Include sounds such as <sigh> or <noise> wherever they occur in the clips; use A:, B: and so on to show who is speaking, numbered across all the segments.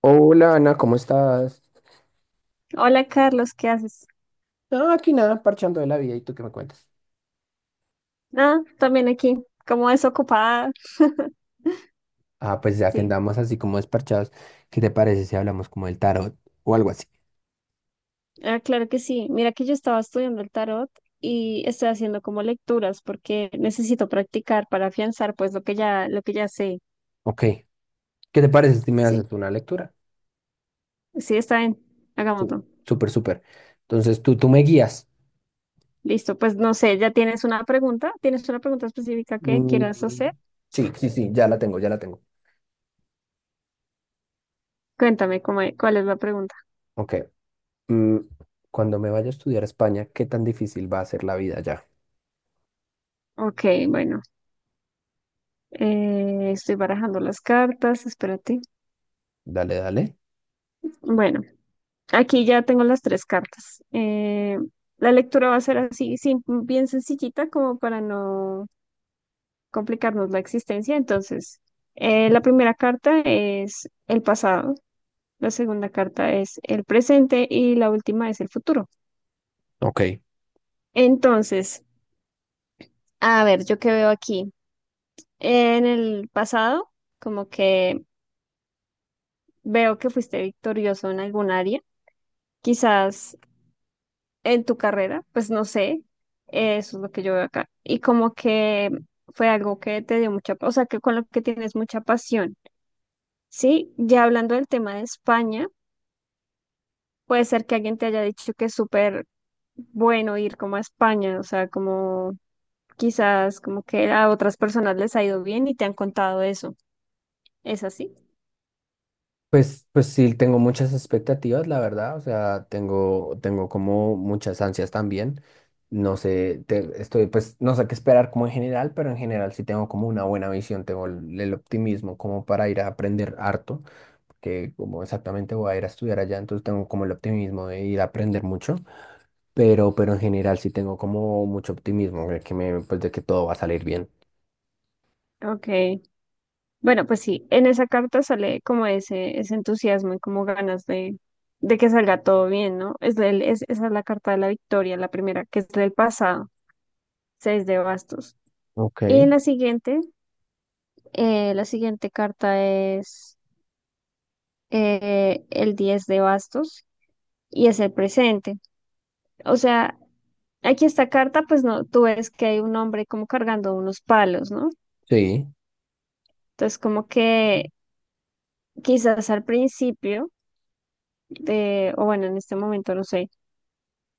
A: Hola Ana, ¿cómo estás?
B: Hola Carlos, ¿qué haces?
A: No, aquí nada, parchando de la vida, ¿y tú qué me cuentas?
B: Nada, también aquí, como desocupada. <laughs>
A: Ah, pues ya que
B: Sí,
A: andamos así como desparchados, ¿qué te parece si hablamos como del tarot o algo así?
B: ah, claro que sí. Mira que yo estaba estudiando el tarot y estoy haciendo como lecturas porque necesito practicar para afianzar pues lo que ya sé.
A: Ok, ¿qué te parece si me
B: Sí,
A: haces tú una lectura?
B: sí, está bien.
A: Sí.
B: Hagámoslo.
A: Súper, súper. Entonces tú me guías.
B: Listo, pues no sé, ¿ya tienes una pregunta? ¿Tienes una pregunta específica que
A: Mm,
B: quieras hacer?
A: sí, sí, sí, ya la tengo, ya la tengo.
B: Cuéntame cuál es la pregunta.
A: Ok, mm, cuando me vaya a estudiar a España, ¿qué tan difícil va a ser la vida ya?
B: Ok, bueno, estoy barajando las cartas, espérate.
A: Dale, dale.
B: Bueno. Aquí ya tengo las tres cartas. La lectura va a ser así, bien sencillita, como para no complicarnos la existencia. Entonces, la primera carta es el pasado, la segunda carta es el presente y la última es el futuro.
A: Ok.
B: Entonces, a ver, yo qué veo aquí. En el pasado, como que veo que fuiste victorioso en algún área. Quizás en tu carrera, pues no sé, eso es lo que yo veo acá. Y como que fue algo que te dio mucha, o sea, que con lo que tienes mucha pasión, ¿sí? Ya hablando del tema de España, puede ser que alguien te haya dicho que es súper bueno ir como a España, o sea, como quizás como que a otras personas les ha ido bien y te han contado eso. ¿Es así?
A: Pues, pues sí, tengo muchas expectativas, la verdad, o sea, tengo como muchas ansias también. No sé, estoy, pues no sé qué esperar como en general, pero en general sí tengo como una buena visión, tengo el optimismo como para ir a aprender harto, que como exactamente voy a ir a estudiar allá, entonces tengo como el optimismo de ir a aprender mucho, pero en general sí tengo como mucho optimismo de que me, pues de que todo va a salir bien.
B: Ok. Bueno, pues sí, en esa carta sale como ese entusiasmo y como ganas de que salga todo bien, ¿no? Esa es la carta de la victoria, la primera, que es del pasado, seis de bastos.
A: Ok,
B: Y la siguiente carta es el 10 de bastos y es el presente. O sea, aquí esta carta, pues no, tú ves que hay un hombre como cargando unos palos, ¿no?
A: sí,
B: Entonces, como que quizás al principio, o bueno, en este momento, no sé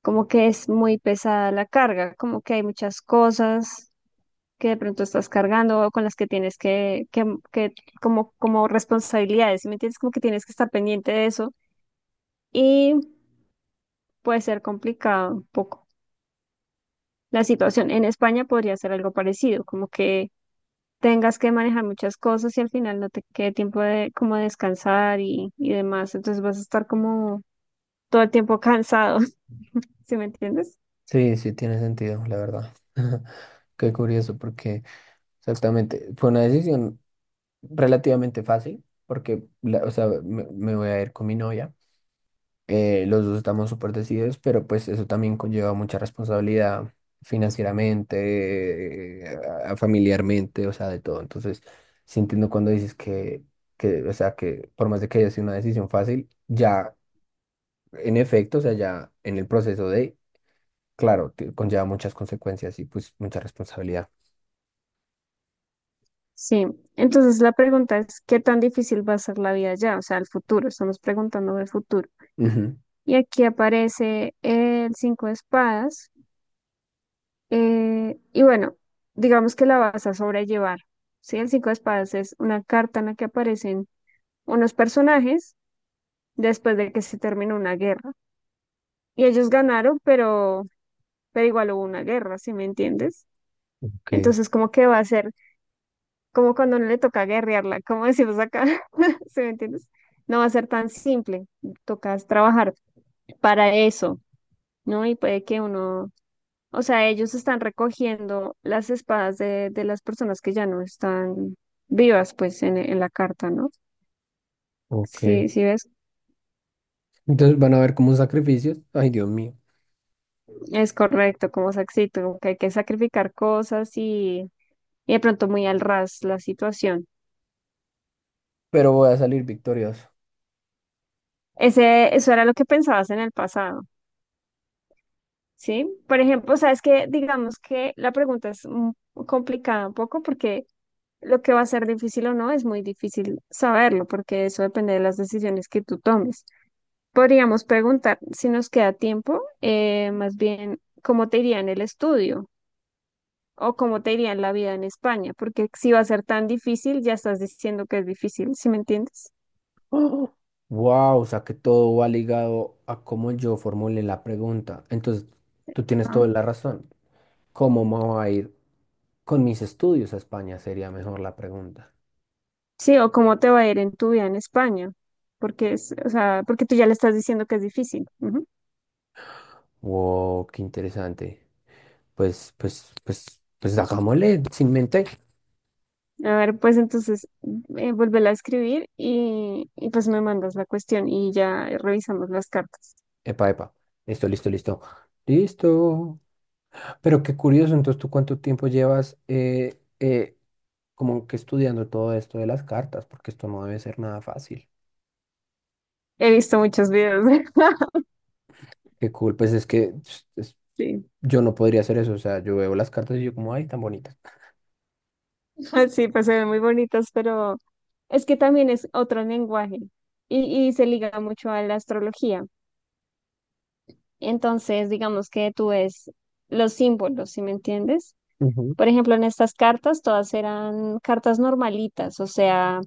B: como que es muy pesada la carga, como que hay muchas cosas que de pronto estás cargando o con las que tienes que como responsabilidades, ¿sí? ¿Me entiendes? Como que tienes que estar pendiente de eso y puede ser complicado un poco. La situación en España podría ser algo parecido, como que tengas que manejar muchas cosas y al final no te quede tiempo de como descansar y demás, entonces vas a estar como todo el tiempo cansado, <laughs> ¿sí me entiendes?
A: sí, sí tiene sentido, la verdad. <laughs> Qué curioso, porque exactamente. Fue una decisión relativamente fácil porque, o sea, me voy a ir con mi novia. Los dos estamos súper decididos, pero pues eso también conlleva mucha responsabilidad financieramente, familiarmente, o sea, de todo. Entonces, sí entiendo cuando dices que, o sea, que por más de que haya sido una decisión fácil, ya en efecto, o sea, ya en el proceso de, claro, conlleva muchas consecuencias y pues mucha responsabilidad.
B: Sí, entonces la pregunta es, ¿qué tan difícil va a ser la vida ya? O sea, el futuro, estamos preguntando del futuro.
A: Ujú.
B: Y aquí aparece el cinco de espadas. Y bueno, digamos que la vas a sobrellevar. Sí, el cinco de espadas es una carta en la que aparecen unos personajes después de que se terminó una guerra. Y ellos ganaron, pero igual hubo una guerra, ¿sí me entiendes?
A: Ok,
B: Entonces, como que va a ser como cuando no le toca guerrearla, como decimos acá, <laughs> ¿sí me entiendes? No va a ser tan simple, tocas trabajar para eso, ¿no? Y puede que uno, o sea, ellos están recogiendo las espadas de las personas que ya no están vivas, pues, en la carta, ¿no?
A: ok.
B: Sí, sí ves,
A: Entonces van a ver como sacrificios. Ay, Dios mío.
B: es correcto, como Saxito, como que hay que sacrificar cosas y de pronto muy al ras la situación.
A: Pero voy a salir victorioso.
B: Eso era lo que pensabas en el pasado. ¿Sí? Por ejemplo, sabes que digamos que la pregunta es complicada un poco porque lo que va a ser difícil o no es muy difícil saberlo porque eso depende de las decisiones que tú tomes. Podríamos preguntar si nos queda tiempo, más bien cómo te iría en el estudio o cómo te iría en la vida en España, porque si va a ser tan difícil, ya estás diciendo que es difícil, ¿sí me entiendes?
A: <gasps> Wow, o sea que todo va ligado a cómo yo formule la pregunta. Entonces, tú tienes
B: Ajá.
A: toda la razón. ¿Cómo me voy a ir con mis estudios a España? Sería mejor la pregunta.
B: Sí, o cómo te va a ir en tu vida en España, porque es, o sea, porque tú ya le estás diciendo que es difícil. Ujú.
A: Wow, qué interesante. Pues, pues, pues, pues hagámosle sin mente.
B: A ver, pues entonces vuélvela a escribir y pues me mandas la cuestión y ya revisamos las cartas.
A: Epa, epa. Listo, listo, listo. Listo. Pero qué curioso, entonces, ¿tú cuánto tiempo llevas como que estudiando todo esto de las cartas? Porque esto no debe ser nada fácil.
B: He visto muchos videos. <laughs>
A: Qué cool, pues es que
B: Sí,
A: yo no podría hacer eso, o sea, yo veo las cartas y yo como, ay, tan bonitas.
B: <laughs> sí, pues se ven muy bonitas, pero es que también es otro lenguaje y se liga mucho a la astrología. Entonces, digamos que tú ves los símbolos, ¿si me entiendes?
A: Ujú.
B: Por ejemplo, en estas cartas todas eran cartas normalitas, o sea,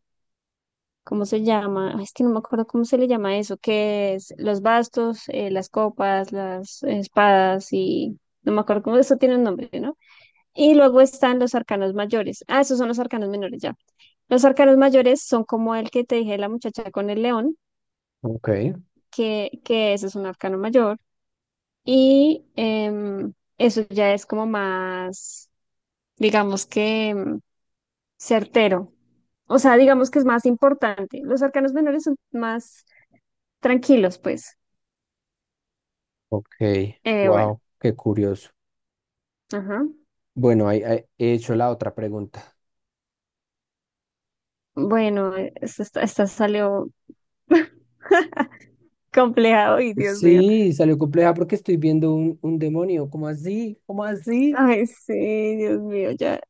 B: ¿cómo se llama? Ay, es que no me acuerdo cómo se le llama eso, que es los bastos, las copas, las espadas y no me acuerdo cómo eso tiene un nombre, ¿no? Y luego están los arcanos mayores. Ah, esos son los arcanos menores ya. Los arcanos mayores son como el que te dije la muchacha con el león,
A: Ok,
B: que ese es un arcano mayor. Y eso ya es como más, digamos que certero. O sea, digamos que es más importante. Los arcanos menores son más tranquilos, pues.
A: ok,
B: Bueno,
A: wow, qué curioso.
B: ajá.
A: Bueno, ahí, ahí he hecho la otra pregunta.
B: Bueno, esta salió compleja y Dios mío.
A: Sí, salió compleja porque estoy viendo un demonio, ¿cómo así? ¿Cómo así?
B: Ay, sí, Dios mío, ya.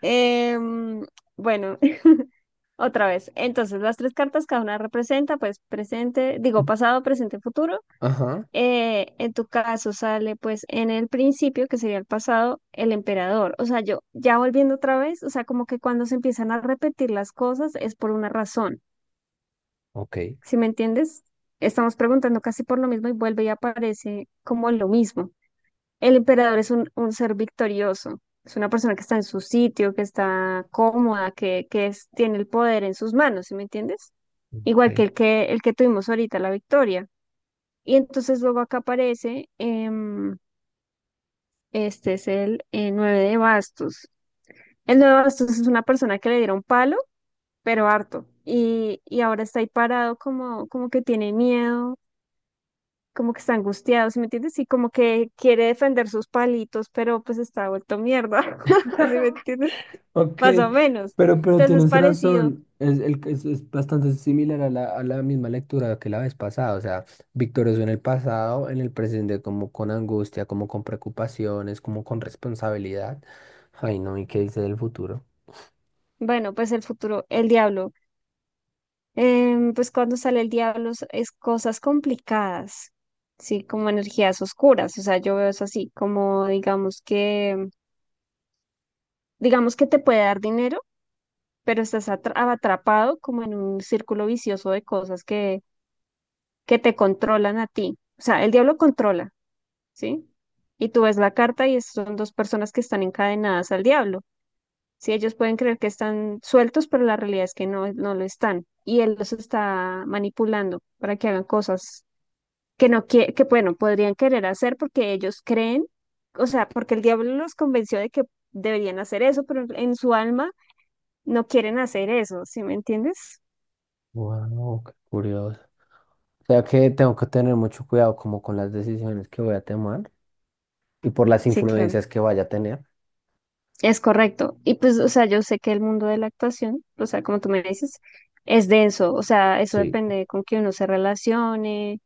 B: Em, bueno, <laughs> otra vez. Entonces, las tres cartas, cada una representa, pues, presente, digo, pasado, presente, futuro.
A: Ajá,
B: En tu caso sale, pues, en el principio, que sería el pasado, el emperador. O sea, yo, ya volviendo otra vez, o sea, como que cuando se empiezan a repetir las cosas es por una razón.
A: ok,
B: Si me entiendes, estamos preguntando casi por lo mismo y vuelve y aparece como lo mismo. El emperador es un ser victorioso, es una persona que está en su sitio, que está cómoda, que tiene el poder en sus manos, ¿sí me entiendes?
A: ok.
B: Igual que el que tuvimos ahorita, la victoria. Y entonces luego acá aparece, este es el nueve de bastos. El nueve de bastos es una persona que le dieron palo, pero harto. Y ahora está ahí parado como que tiene miedo como que está angustiado, ¿sí me entiendes? Y como que quiere defender sus palitos, pero pues está vuelto mierda, <laughs> ¿sí me entiendes?
A: Ok,
B: Más o menos.
A: pero
B: Entonces,
A: tienes
B: parecido,
A: razón, es bastante similar a a la misma lectura que la vez pasada, o sea, victorioso en el pasado, en el presente como con angustia, como con preocupaciones, como con responsabilidad. Ay, no, ¿y qué dice del futuro?
B: bueno, pues el futuro, el diablo. Pues cuando sale el diablo es cosas complicadas, sí, como energías oscuras, o sea, yo veo eso así, como digamos que te puede dar dinero, pero estás atrapado como en un círculo vicioso de cosas que te controlan a ti. O sea, el diablo controla. ¿Sí? Y tú ves la carta y son dos personas que están encadenadas al diablo. Sí, ellos pueden creer que están sueltos, pero la realidad es que no, no lo están. Y él los está manipulando para que hagan cosas que no quie- que bueno, podrían querer hacer porque ellos creen, o sea, porque el diablo los convenció de que deberían hacer eso, pero en su alma no quieren hacer eso, ¿sí me entiendes?
A: Wow, qué curioso. O sea que tengo que tener mucho cuidado como con las decisiones que voy a tomar y por las
B: Sí, claro.
A: influencias que vaya a tener.
B: Es correcto. Y pues, o sea, yo sé que el mundo de la actuación, o sea, como tú me dices, es denso. O sea, eso
A: Sí.
B: depende con quién uno se relacione.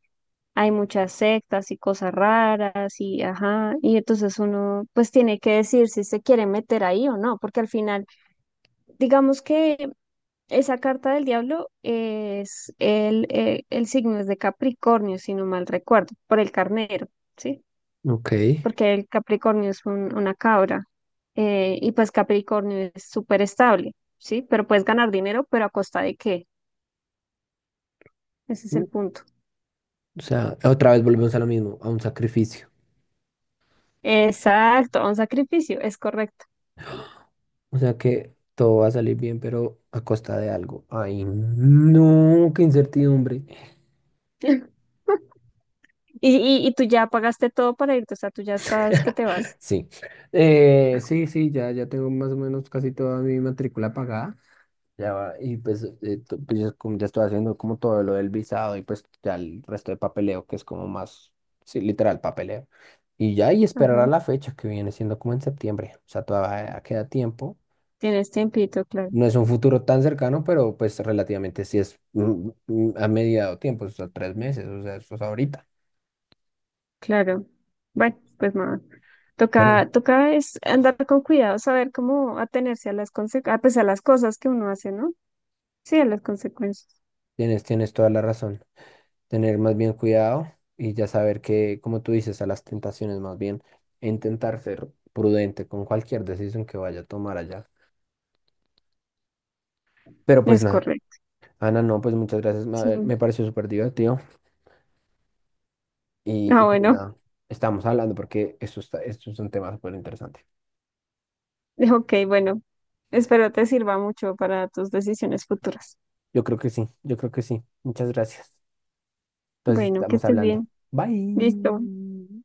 B: Hay muchas sectas y cosas raras y ajá. Y entonces uno pues tiene que decir si se quiere meter ahí o no, porque al final, digamos que esa carta del diablo es el signo es de Capricornio, si no mal recuerdo, por el carnero, ¿sí?
A: Ok.
B: Porque el Capricornio es una cabra y pues Capricornio es súper estable, ¿sí? Pero puedes ganar dinero, pero ¿a costa de qué? Ese es
A: Mm,
B: el punto.
A: o sea, otra vez volvemos a lo mismo, a un sacrificio.
B: Exacto, a un sacrificio, es correcto.
A: O sea que todo va a salir bien, pero a costa de algo. Ay, no, qué incertidumbre.
B: <laughs> Y, y tú ya pagaste todo para irte, o sea, tú ya estás que te
A: <laughs>
B: vas.
A: Sí.
B: Ah,
A: Sí, sí, ya, ya tengo más o menos casi toda mi matrícula pagada. Ya va, y pues, pues ya, como ya estoy haciendo como todo lo del visado y pues ya el resto de papeleo, que es como más, sí, literal papeleo. Y ya, y esperar a
B: ajá,
A: la fecha que viene siendo como en septiembre. O sea, todavía queda tiempo.
B: tienes tiempito, claro.
A: No es un futuro tan cercano, pero pues relativamente sí es a mediado tiempo, o sea, 3 meses, o sea, eso es ahorita.
B: Claro. Bueno, pues nada.
A: Pero
B: Toca, toca es andar con cuidado, saber cómo atenerse a las conse- a, pues, a las cosas que uno hace, ¿no? Sí, a las consecuencias.
A: tienes toda la razón. Tener más bien cuidado y ya saber que, como tú dices, a las tentaciones más bien, intentar ser prudente con cualquier decisión que vaya a tomar allá. Pero pues
B: Es
A: nada,
B: correcto.
A: Ana, no, pues muchas gracias,
B: Sí.
A: me pareció súper divertido y
B: Ah,
A: pues
B: bueno.
A: nada, estamos hablando porque esto está, esto es un tema súper interesante.
B: <laughs> Ok, bueno. Espero te sirva mucho para tus decisiones futuras.
A: Yo creo que sí, yo creo que sí. Muchas gracias. Entonces
B: Bueno, que
A: estamos
B: estés
A: hablando.
B: bien. Listo.
A: Bye.